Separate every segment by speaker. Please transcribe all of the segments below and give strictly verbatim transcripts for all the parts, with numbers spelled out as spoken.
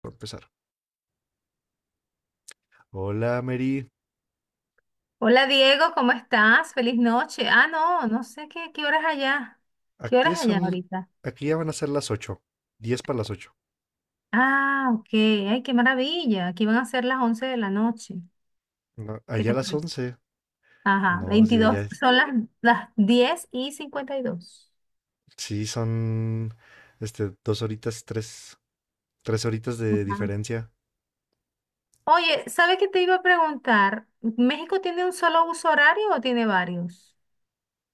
Speaker 1: Para empezar. Hola, Mary.
Speaker 2: Hola Diego, ¿cómo estás? Feliz noche. Ah, no, no sé qué, qué horas allá. ¿Qué horas
Speaker 1: Aquí
Speaker 2: allá
Speaker 1: son,
Speaker 2: ahorita?
Speaker 1: aquí ya van a ser las ocho, diez para las ocho.
Speaker 2: Ah, ok. Ay, qué maravilla. Aquí van a ser las once de la noche.
Speaker 1: No,
Speaker 2: ¿Qué
Speaker 1: allá
Speaker 2: te
Speaker 1: las
Speaker 2: parece?
Speaker 1: once.
Speaker 2: Ajá,
Speaker 1: No, sí,
Speaker 2: Veintidós.
Speaker 1: allá
Speaker 2: Son las, las diez y cincuenta y dos.
Speaker 1: sí son, este, dos horitas, tres, tres horitas de
Speaker 2: Ajá.
Speaker 1: diferencia.
Speaker 2: Oye, ¿sabes qué te iba a preguntar? ¿México tiene un solo uso horario o tiene varios?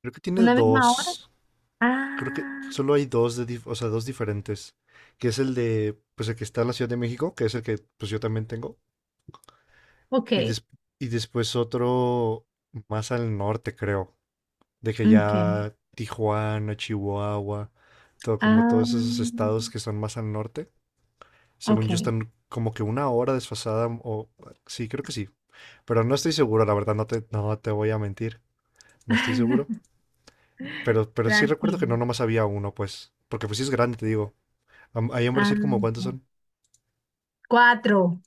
Speaker 1: Creo que tiene
Speaker 2: ¿Una misma hora?
Speaker 1: dos. Creo que
Speaker 2: Ah,
Speaker 1: solo hay dos de, dif- o sea, dos diferentes. Que es el de, pues el que está en la Ciudad de México, que es el que, pues yo también tengo. Y,
Speaker 2: ok.
Speaker 1: des- y después otro más al norte, creo. De que
Speaker 2: Ok.
Speaker 1: ya Tijuana, Chihuahua, todo como
Speaker 2: Ah,
Speaker 1: todos esos estados que son más al norte, según yo
Speaker 2: ok.
Speaker 1: están como que una hora desfasada mm, o sí, creo que sí, pero no estoy seguro, la verdad no te no te voy a mentir, no estoy seguro, pero pero sí recuerdo que no
Speaker 2: Tranquilo.
Speaker 1: nomás había uno, pues, porque pues sí es grande, te digo. Am- Ahí en
Speaker 2: Ah,
Speaker 1: Brasil, ¿como cuántos son?
Speaker 2: cuatro.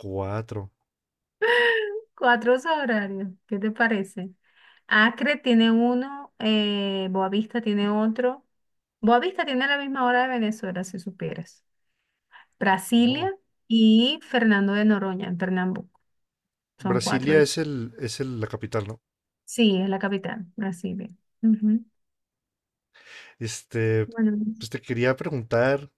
Speaker 1: Cuatro.
Speaker 2: Cuatro horarios. ¿Qué te parece? Acre tiene uno, eh, Boavista tiene otro. Boavista tiene la misma hora de Venezuela, si supieras. Brasilia
Speaker 1: Oh.
Speaker 2: y Fernando de Noroña, en Pernambuco. Son cuatro.
Speaker 1: Brasilia es el es el- la capital, ¿no?
Speaker 2: Sí, es la capital, Brasilia. Ujú.
Speaker 1: Este,
Speaker 2: Bueno,
Speaker 1: pues te quería preguntar,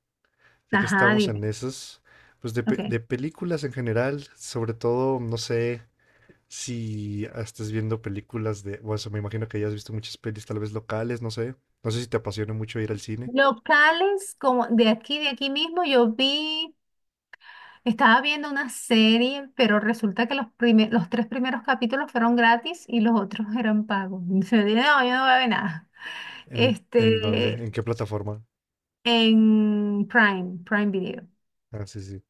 Speaker 1: ya que
Speaker 2: ajá,
Speaker 1: estamos
Speaker 2: dime.
Speaker 1: en esas, pues de, pe-
Speaker 2: Ok.
Speaker 1: de películas en general, sobre todo, no sé si estás viendo películas de, bueno, o sea, me imagino que ya has visto muchas pelis tal vez locales, no sé, no sé si te apasiona mucho ir al cine.
Speaker 2: Locales como de aquí, de aquí mismo, yo vi. Estaba viendo una serie, pero resulta que los, prime- los tres primeros capítulos fueron gratis y los otros eran pagos. Y se dije, no, yo no voy a ver nada.
Speaker 1: ¿En, en dónde?
Speaker 2: Este,
Speaker 1: ¿En qué plataforma?
Speaker 2: en Prime, Prime Video.
Speaker 1: Ah, sí, sí.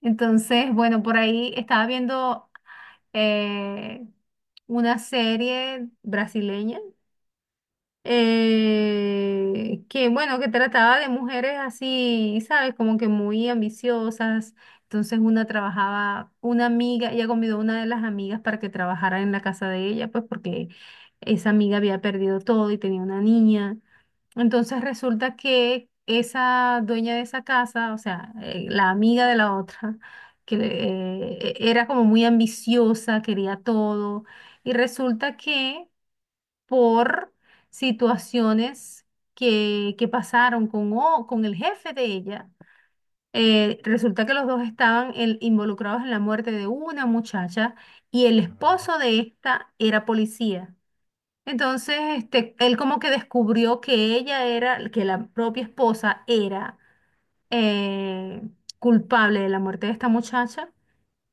Speaker 2: Entonces, bueno, por ahí estaba viendo eh, una serie brasileña eh, que bueno, que trataba de mujeres así, ¿sabes? Como que muy ambiciosas. Entonces una trabajaba, una amiga, ella convidó a una de las amigas para que trabajara en la casa de ella, pues porque esa amiga había perdido todo y tenía una niña. Entonces resulta que esa dueña de esa casa, o sea, eh, la amiga de la otra, que eh, e, era como muy ambiciosa, quería todo, y resulta que por situaciones que, que pasaron con, o- con el jefe de ella. Eh, resulta que los dos estaban en- involucrados en la muerte de una muchacha y el
Speaker 1: Ah,
Speaker 2: esposo de esta era policía. Entonces, este, él como que descubrió que ella era, que la propia esposa era eh, culpable de la muerte de esta muchacha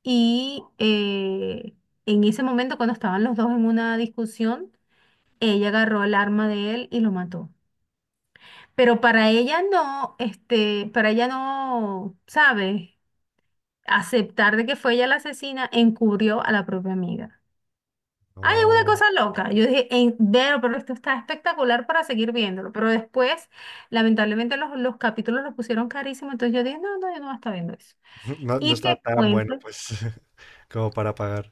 Speaker 2: y eh, en ese momento cuando estaban los dos en una discusión, ella agarró el arma de él y lo mató. Pero para ella no, este, para ella no, ¿sabe? Aceptar de que fue ella la asesina encubrió a la propia amiga. Hay una
Speaker 1: no.
Speaker 2: cosa loca. Yo dije, "En- pero, pero esto está espectacular para seguir viéndolo. Pero después, lamentablemente, los, los capítulos los pusieron carísimo. Entonces yo dije, no, no, yo no voy a estar viendo eso.
Speaker 1: No, no
Speaker 2: Y te
Speaker 1: está tan bueno,
Speaker 2: cuento.
Speaker 1: pues, como para pagar.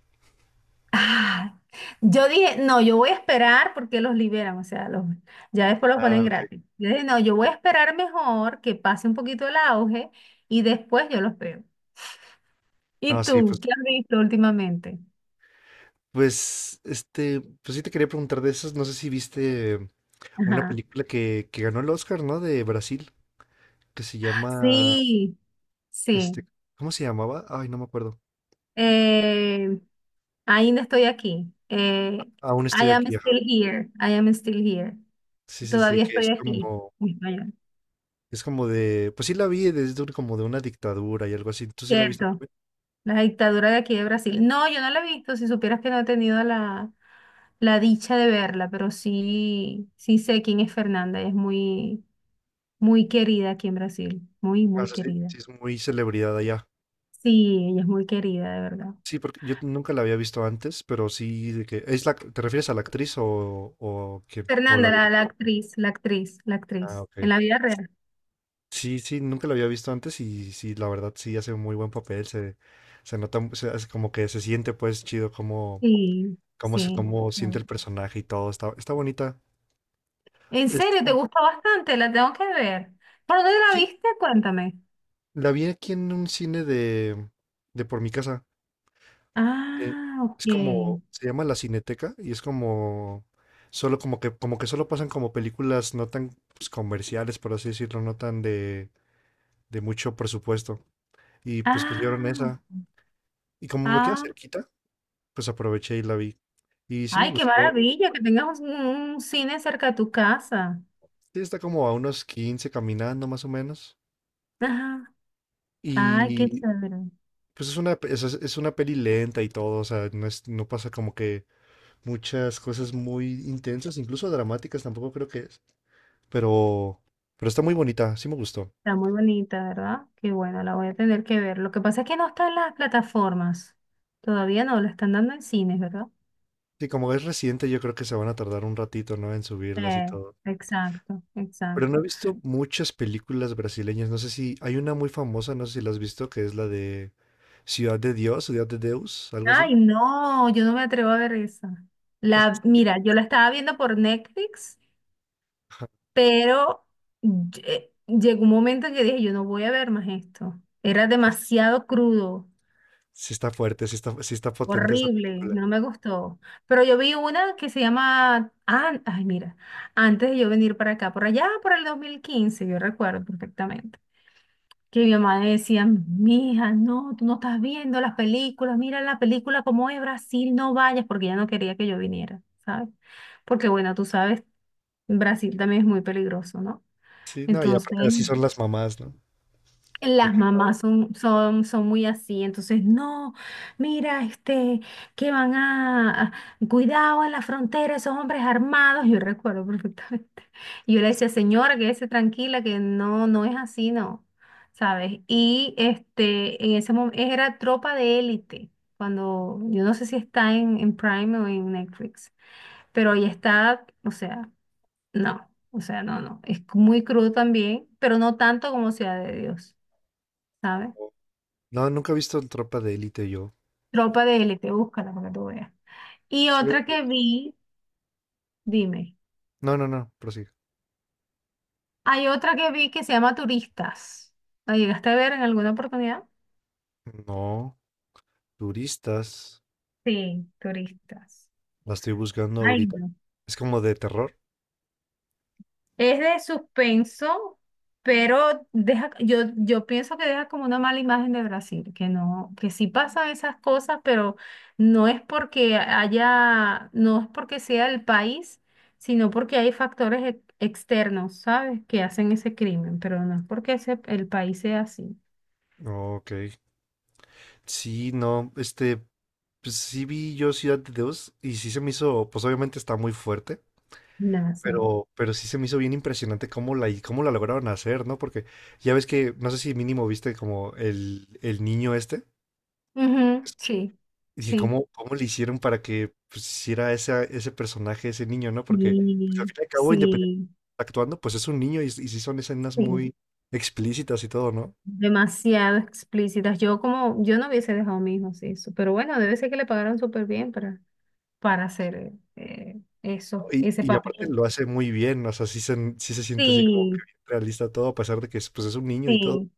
Speaker 2: Ah, yo dije, no, yo voy a esperar porque los liberan, o sea, los, ya después los
Speaker 1: Ah,
Speaker 2: ponen
Speaker 1: ok.
Speaker 2: gratis. Yo dije, no, yo voy a esperar mejor que pase un poquito el auge y después yo los veo.
Speaker 1: No,
Speaker 2: ¿Y
Speaker 1: sí,
Speaker 2: tú,
Speaker 1: pues,
Speaker 2: qué has visto últimamente?
Speaker 1: pues, este, pues sí te quería preguntar de esas, no sé si viste una
Speaker 2: Ajá.
Speaker 1: película que, que ganó el Oscar, ¿no? De Brasil. Que se llama,
Speaker 2: Sí,
Speaker 1: este,
Speaker 2: sí.
Speaker 1: ¿cómo se llamaba? Ay, no me acuerdo.
Speaker 2: Eh, Ainda estoy aquí. Eh,
Speaker 1: Aún
Speaker 2: I
Speaker 1: estoy
Speaker 2: am
Speaker 1: aquí, ajá.
Speaker 2: still here. I am still here.
Speaker 1: Sí, sí, sí,
Speaker 2: Todavía
Speaker 1: que es
Speaker 2: estoy aquí.
Speaker 1: como, es como de, pues sí la vi, desde un- como de una dictadura y algo así. ¿Tú sí la viste
Speaker 2: Cierto,
Speaker 1: también?
Speaker 2: la dictadura de aquí de Brasil. No, yo no la he visto, si supieras que no he tenido la, la dicha de verla, pero sí, sí sé quién es Fernanda, ella es muy, muy querida aquí en Brasil, muy,
Speaker 1: Ah, o
Speaker 2: muy
Speaker 1: sea, sí,
Speaker 2: querida.
Speaker 1: sí es muy celebridad allá.
Speaker 2: Sí, ella es muy querida, de verdad.
Speaker 1: Sí, porque yo nunca la había visto antes, pero sí, de que es la, ¿te refieres a la actriz o o quién? ¿O la
Speaker 2: Fernanda, la, la
Speaker 1: directora?
Speaker 2: actriz, la actriz, la
Speaker 1: Ah,
Speaker 2: actriz, en
Speaker 1: ok.
Speaker 2: la vida real.
Speaker 1: Sí, sí, nunca la había visto antes y sí, la verdad sí hace un muy buen papel. Se se nota, mu- se hace como que se siente pues chido
Speaker 2: Sí,
Speaker 1: cómo se,
Speaker 2: sí.
Speaker 1: cómo siente
Speaker 2: bien.
Speaker 1: el personaje y todo. Está, está bonita.
Speaker 2: ¿En
Speaker 1: Es
Speaker 2: serio? ¿Te
Speaker 1: como-
Speaker 2: gusta bastante? La tengo que ver. ¿Por dónde la
Speaker 1: sí,
Speaker 2: viste? Cuéntame.
Speaker 1: la vi aquí en un cine de, de por mi casa. eh,
Speaker 2: Ah,
Speaker 1: es
Speaker 2: ok.
Speaker 1: como, se llama La Cineteca y es como, solo como que, como que solo pasan como películas no tan pues, comerciales, por así decirlo, no tan de, de mucho presupuesto. Y pues pusieron
Speaker 2: Ah,
Speaker 1: esa. Y como me queda
Speaker 2: ah,
Speaker 1: cerquita, pues aproveché y la vi. Y sí me
Speaker 2: Ay, qué
Speaker 1: gustó.
Speaker 2: maravilla que tengas un, un cine cerca de tu casa.
Speaker 1: Sí, está como a unos quince caminando más o menos.
Speaker 2: Ajá. Ay, qué chévere.
Speaker 1: Pues es una, es, es una peli lenta y todo, o sea, no es, no pasa como que muchas cosas muy intensas, incluso dramáticas tampoco creo que es, pero, pero está muy bonita, sí me gustó.
Speaker 2: Está muy bonita, ¿verdad? Qué bueno, la voy a tener que ver. Lo que pasa es que no está en las plataformas. Todavía no, la están dando en cines, ¿verdad?
Speaker 1: Sí, como es reciente, yo creo que se van a tardar un ratito, ¿no? En subirlas y
Speaker 2: Eh,
Speaker 1: todo.
Speaker 2: exacto,
Speaker 1: Pero no he
Speaker 2: exacto.
Speaker 1: visto muchas películas brasileñas, no sé si, hay una muy famosa, no sé si la has visto, que es la de Ciudad de Dios, Ciudad de Deus, algo así.
Speaker 2: Ay, no, yo no me atrevo a ver esa. La, mira, yo la estaba viendo por Netflix,
Speaker 1: Ajá,
Speaker 2: pero lle- llegó un momento en que dije, yo no voy a ver más esto. Era
Speaker 1: es.
Speaker 2: demasiado crudo.
Speaker 1: Sí está fuerte, sí está, sí está potente esa
Speaker 2: Horrible,
Speaker 1: película.
Speaker 2: no me gustó. Pero yo vi una que se llama, ah, ay, mira, antes de yo venir para acá, por allá, por el dos mil quince yo recuerdo perfectamente, que mi mamá decía, mija, no, tú no estás viendo las películas, mira la película como es Brasil, no vayas, porque ella no quería que yo viniera, ¿sabes? Porque bueno, tú sabes, Brasil también es muy peligroso, ¿no?
Speaker 1: Sí, no, y
Speaker 2: Entonces,
Speaker 1: aparte así son las mamás, ¿no? De
Speaker 2: las
Speaker 1: que, "No",
Speaker 2: mamás son, son, son muy así, entonces, no, mira, este, que van a, a- cuidado en la frontera, esos hombres armados, yo recuerdo perfectamente. Y yo le decía, señora, quédese tranquila, que no, no es así, no, ¿sabes? Y este, en ese momento, era Tropa de Élite, cuando, yo no sé si está en, en Prime o en Netflix, pero ahí está, o sea, no, o sea, no, no, es muy crudo también, pero no tanto como Ciudad de Dios. ¿Sabes?
Speaker 1: no, nunca he visto Tropa de Élite yo.
Speaker 2: Tropa de élite, búscala para que tú veas. Y
Speaker 1: Sí,
Speaker 2: otra
Speaker 1: de-
Speaker 2: que vi, dime,
Speaker 1: No, no, no, prosigue.
Speaker 2: hay otra que vi que se llama Turistas. ¿La llegaste a ver en alguna oportunidad?
Speaker 1: No, turistas.
Speaker 2: Sí, Turistas.
Speaker 1: La estoy buscando
Speaker 2: Ay,
Speaker 1: ahorita.
Speaker 2: no.
Speaker 1: Es como de terror.
Speaker 2: Es de suspenso, pero deja, yo, yo pienso que deja como una mala imagen de Brasil, que no, que sí pasan esas cosas, pero no es porque haya, no es porque sea el país, sino porque hay factores ex- externos, ¿sabes? Que hacen ese crimen, pero no es porque ese, el país sea así.
Speaker 1: Ok. Sí, no, este, pues sí vi yo Ciudad de Dios y sí se me hizo, pues obviamente está muy fuerte,
Speaker 2: Nada.
Speaker 1: pero, pero sí se me hizo bien impresionante cómo la, cómo la lograron hacer, ¿no? Porque ya ves que, no sé si mínimo viste como el, el niño este.
Speaker 2: Ujú, sí,
Speaker 1: Y dije,
Speaker 2: sí.
Speaker 1: ¿cómo, cómo le hicieron para que pues, hiciera esa, ese personaje, ese niño, ¿no? Porque pues, al
Speaker 2: Sí,
Speaker 1: fin y al cabo, independientemente
Speaker 2: sí,
Speaker 1: actuando, pues es un niño y, y sí son escenas
Speaker 2: sí.
Speaker 1: muy explícitas y todo, ¿no?
Speaker 2: Demasiado explícitas. Yo como, yo no hubiese dejado a mi hijo así eso, pero bueno, debe ser que le pagaron súper bien para, para hacer eh,
Speaker 1: No.
Speaker 2: eso,
Speaker 1: Y,
Speaker 2: ese
Speaker 1: y aparte
Speaker 2: papel.
Speaker 1: lo hace muy bien, o sea, sí se, sí se siente así como que
Speaker 2: Sí,
Speaker 1: bien realista todo, a pesar de que es, pues, es un niño y todo.
Speaker 2: sí.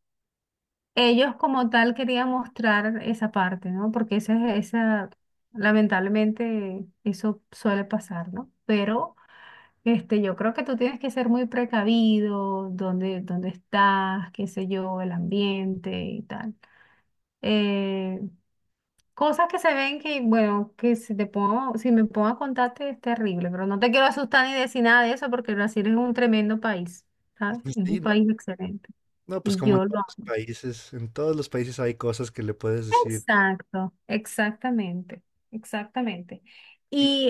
Speaker 2: Ellos como tal querían mostrar esa parte, ¿no? Porque esa, es- esa, lamentablemente, eso suele pasar, ¿no? Pero este, yo creo que tú tienes que ser muy precavido, dónde, dónde estás, qué sé yo, el ambiente y tal. Eh, Cosas que se ven que, bueno, que si te pongo, si me pongo a contarte es terrible, pero no te quiero asustar ni decir nada de eso porque Brasil es un tremendo país, ¿sabes? Es
Speaker 1: Sí,
Speaker 2: un
Speaker 1: no,
Speaker 2: país excelente.
Speaker 1: no, pues
Speaker 2: Y
Speaker 1: como en
Speaker 2: yo lo
Speaker 1: todos los
Speaker 2: amo.
Speaker 1: países, en todos los países hay cosas que le puedes decir.
Speaker 2: Exacto, exactamente, exactamente.
Speaker 1: Y
Speaker 2: Y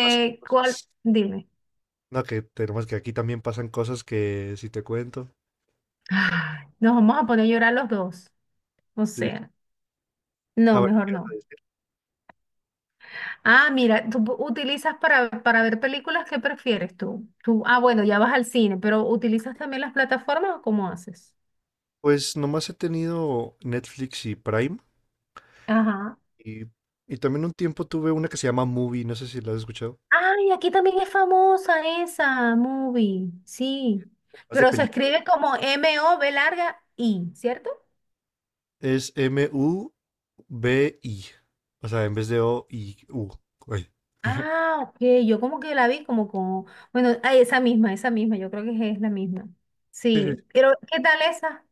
Speaker 1: pasan
Speaker 2: ¿cuál?
Speaker 1: cosas.
Speaker 2: Dime.
Speaker 1: No, que tenemos que aquí también pasan cosas que si te cuento.
Speaker 2: Ay, nos vamos a poner a llorar los dos. O
Speaker 1: Sí.
Speaker 2: sea,
Speaker 1: Ah,
Speaker 2: no,
Speaker 1: bueno,
Speaker 2: mejor
Speaker 1: ¿qué ibas
Speaker 2: no.
Speaker 1: a
Speaker 2: Ah, mira, tú pu- utilizas para, para ver películas, ¿qué prefieres tú? Tú, ah, bueno, ya vas al cine, pero ¿utilizas también las plataformas o cómo haces?
Speaker 1: Pues nomás he tenido Netflix y Prime
Speaker 2: Ajá.
Speaker 1: y, y también un tiempo tuve una que se llama Movie, no sé si la has escuchado.
Speaker 2: Ay, aquí también es famosa esa movie, sí.
Speaker 1: Más de
Speaker 2: Pero se
Speaker 1: películas.
Speaker 2: escribe como M-O-V larga I, ¿cierto?
Speaker 1: Es M-U-B-I. O sea, en vez de O-I-U. Ay.
Speaker 2: Ah, ok, yo como que la vi como como, bueno, ah, esa misma, esa misma, yo creo que es la misma.
Speaker 1: Sí, sí.
Speaker 2: Sí, pero ¿qué tal esa?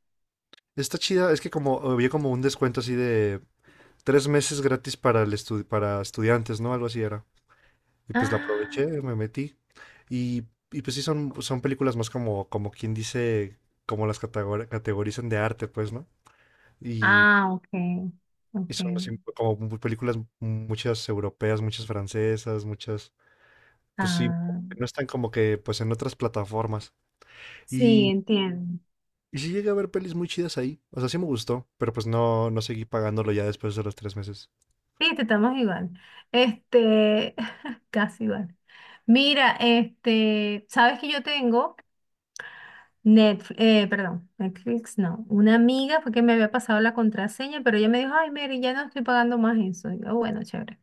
Speaker 1: Está chida, es que como había como un descuento así de tres meses gratis para el estu- para estudiantes, ¿no? Algo así era. Y pues la
Speaker 2: Ah,
Speaker 1: aproveché, me metí. Y, y pues sí, son, son películas más como, como quien dice, como las categori- categorizan de arte, pues, ¿no? Y,
Speaker 2: ah, ok,
Speaker 1: y
Speaker 2: ok.
Speaker 1: son así como mu- películas, muchas europeas, muchas francesas, muchas, pues sí, como
Speaker 2: Ah,
Speaker 1: que no están como que pues en otras plataformas.
Speaker 2: sí,
Speaker 1: Y,
Speaker 2: entiendo.
Speaker 1: y sí llegué a ver pelis muy chidas ahí. O sea, sí me gustó, pero pues no, no seguí pagándolo ya después de los tres meses.
Speaker 2: Viste, estamos igual. Este, casi igual. Mira, este, sabes que yo tengo Netflix, eh, perdón, Netflix no. Una amiga fue que me había pasado la contraseña, pero ella me dijo, ay, Mary, ya no estoy pagando más eso. Y yo, bueno, chévere.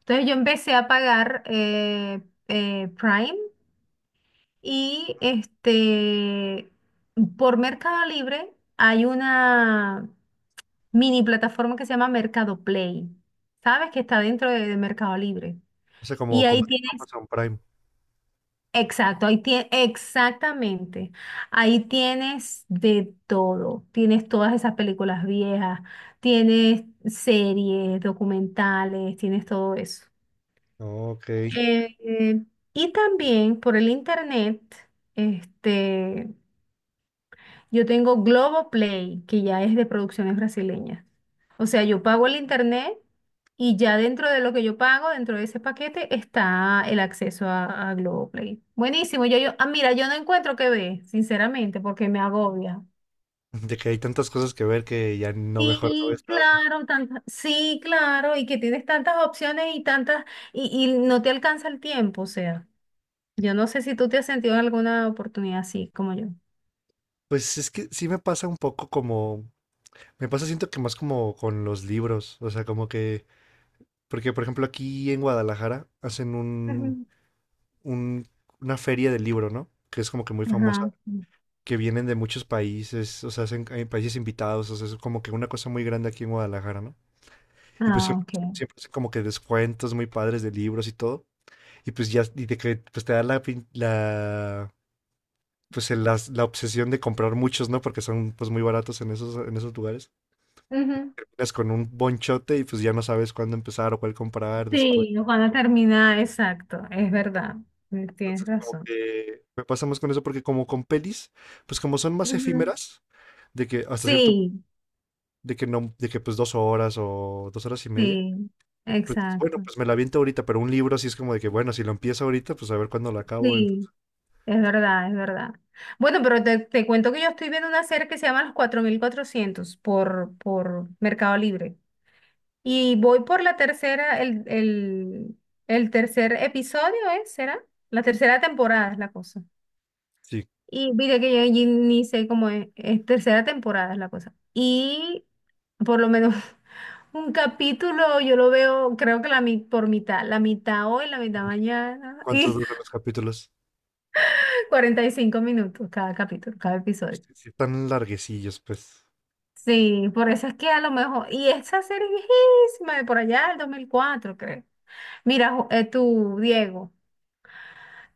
Speaker 2: Entonces yo empecé a pagar eh, eh, Prime y este, por Mercado Libre hay una mini plataforma que se llama Mercado Play. ¿Sabes? Que está dentro de, de Mercado Libre.
Speaker 1: O sea,
Speaker 2: Y
Speaker 1: como, como
Speaker 2: ahí
Speaker 1: tipo
Speaker 2: tienes
Speaker 1: Amazon Prime.
Speaker 2: Exacto, ahí tie- exactamente. Ahí tienes de todo. Tienes todas esas películas viejas, tienes series, documentales, tienes todo eso.
Speaker 1: Ok.
Speaker 2: Eh, eh, y también por el internet, este, yo tengo Globoplay, que ya es de producciones brasileñas. O sea, yo pago el internet y ya dentro de lo que yo pago, dentro de ese paquete, está el acceso a, a Globoplay. Buenísimo. Yo, yo, ah, mira, yo no encuentro qué ver, sinceramente, porque me agobia.
Speaker 1: De que hay tantas cosas que ver que ya no mejor no
Speaker 2: Sí,
Speaker 1: ves nada.
Speaker 2: claro, tantas, sí, claro, y que tienes tantas opciones y tantas, y, y no te alcanza el tiempo, o sea, yo no sé si tú te has sentido en alguna oportunidad así como yo.
Speaker 1: Pues es que sí me pasa un poco como, me pasa siento que más como con los libros, o sea, como que, porque por ejemplo aquí en Guadalajara hacen un,
Speaker 2: Ujú.
Speaker 1: un- una feria del libro, ¿no? Que es como que muy famosa,
Speaker 2: Ajá.
Speaker 1: que vienen de muchos países, o sea, hacen, hay países invitados, o sea, es como que una cosa muy grande aquí en Guadalajara, ¿no? Y pues
Speaker 2: Ah,
Speaker 1: siempre,
Speaker 2: ok.
Speaker 1: siempre hacen como que descuentos muy padres de libros y todo. Y pues ya, y de que pues te da la, pin- la pues el- las- la obsesión de comprar muchos, ¿no? Porque son pues muy baratos en esos, en esos lugares.
Speaker 2: Ujú.
Speaker 1: Terminas con un bonchote y pues ya no sabes cuándo empezar o cuál comprar después.
Speaker 2: Sí, Juana termina, exacto, es verdad, eh, tienes
Speaker 1: Entonces como
Speaker 2: razón.
Speaker 1: que me pasa más con eso porque como con pelis, pues como son más
Speaker 2: Ujú.
Speaker 1: efímeras, de que hasta cierto,
Speaker 2: Sí,
Speaker 1: de que no, de que pues dos horas o dos horas y media,
Speaker 2: sí,
Speaker 1: pues dices, bueno,
Speaker 2: exacto,
Speaker 1: pues me la aviento ahorita, pero un libro sí es como de que, bueno, si lo empiezo ahorita, pues a ver cuándo lo acabo,
Speaker 2: sí,
Speaker 1: entonces,
Speaker 2: es verdad, es verdad. Bueno, pero te, te cuento que yo estoy viendo una serie que se llama Los cuatro mil cuatrocientos por, por Mercado Libre y voy por la tercera, el, el, el tercer episodio, ¿eh? ¿Será? La tercera temporada es la cosa.
Speaker 1: sí,
Speaker 2: Y mira que yo allí ni sé cómo es, es tercera temporada es la cosa. Y por lo menos un capítulo yo lo veo, creo que la mi- por mitad, la mitad hoy, la mitad mañana
Speaker 1: ¿cuánto
Speaker 2: y
Speaker 1: duran los capítulos?
Speaker 2: cuarenta y cinco minutos cada capítulo, cada
Speaker 1: Pues
Speaker 2: episodio.
Speaker 1: sí, sí están larguecillos, pues,
Speaker 2: Sí, por eso es que a lo mejor, y esa serie es viejísima, de por allá del dos mil cuatro creo. Mira, Ju- eh, tú, Diego,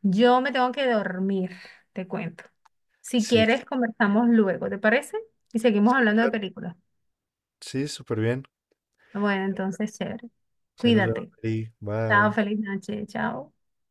Speaker 2: yo me tengo que dormir, te cuento. Si
Speaker 1: sí, sí,
Speaker 2: quieres, conversamos luego, ¿te parece? Y seguimos
Speaker 1: sí,
Speaker 2: hablando de
Speaker 1: claro,
Speaker 2: películas.
Speaker 1: sí, súper bien,
Speaker 2: Bueno, entonces, chévere.
Speaker 1: pues ahí nos vemos,
Speaker 2: Cuídate.
Speaker 1: Mary.
Speaker 2: Chao,
Speaker 1: Bye.
Speaker 2: feliz noche. Chao.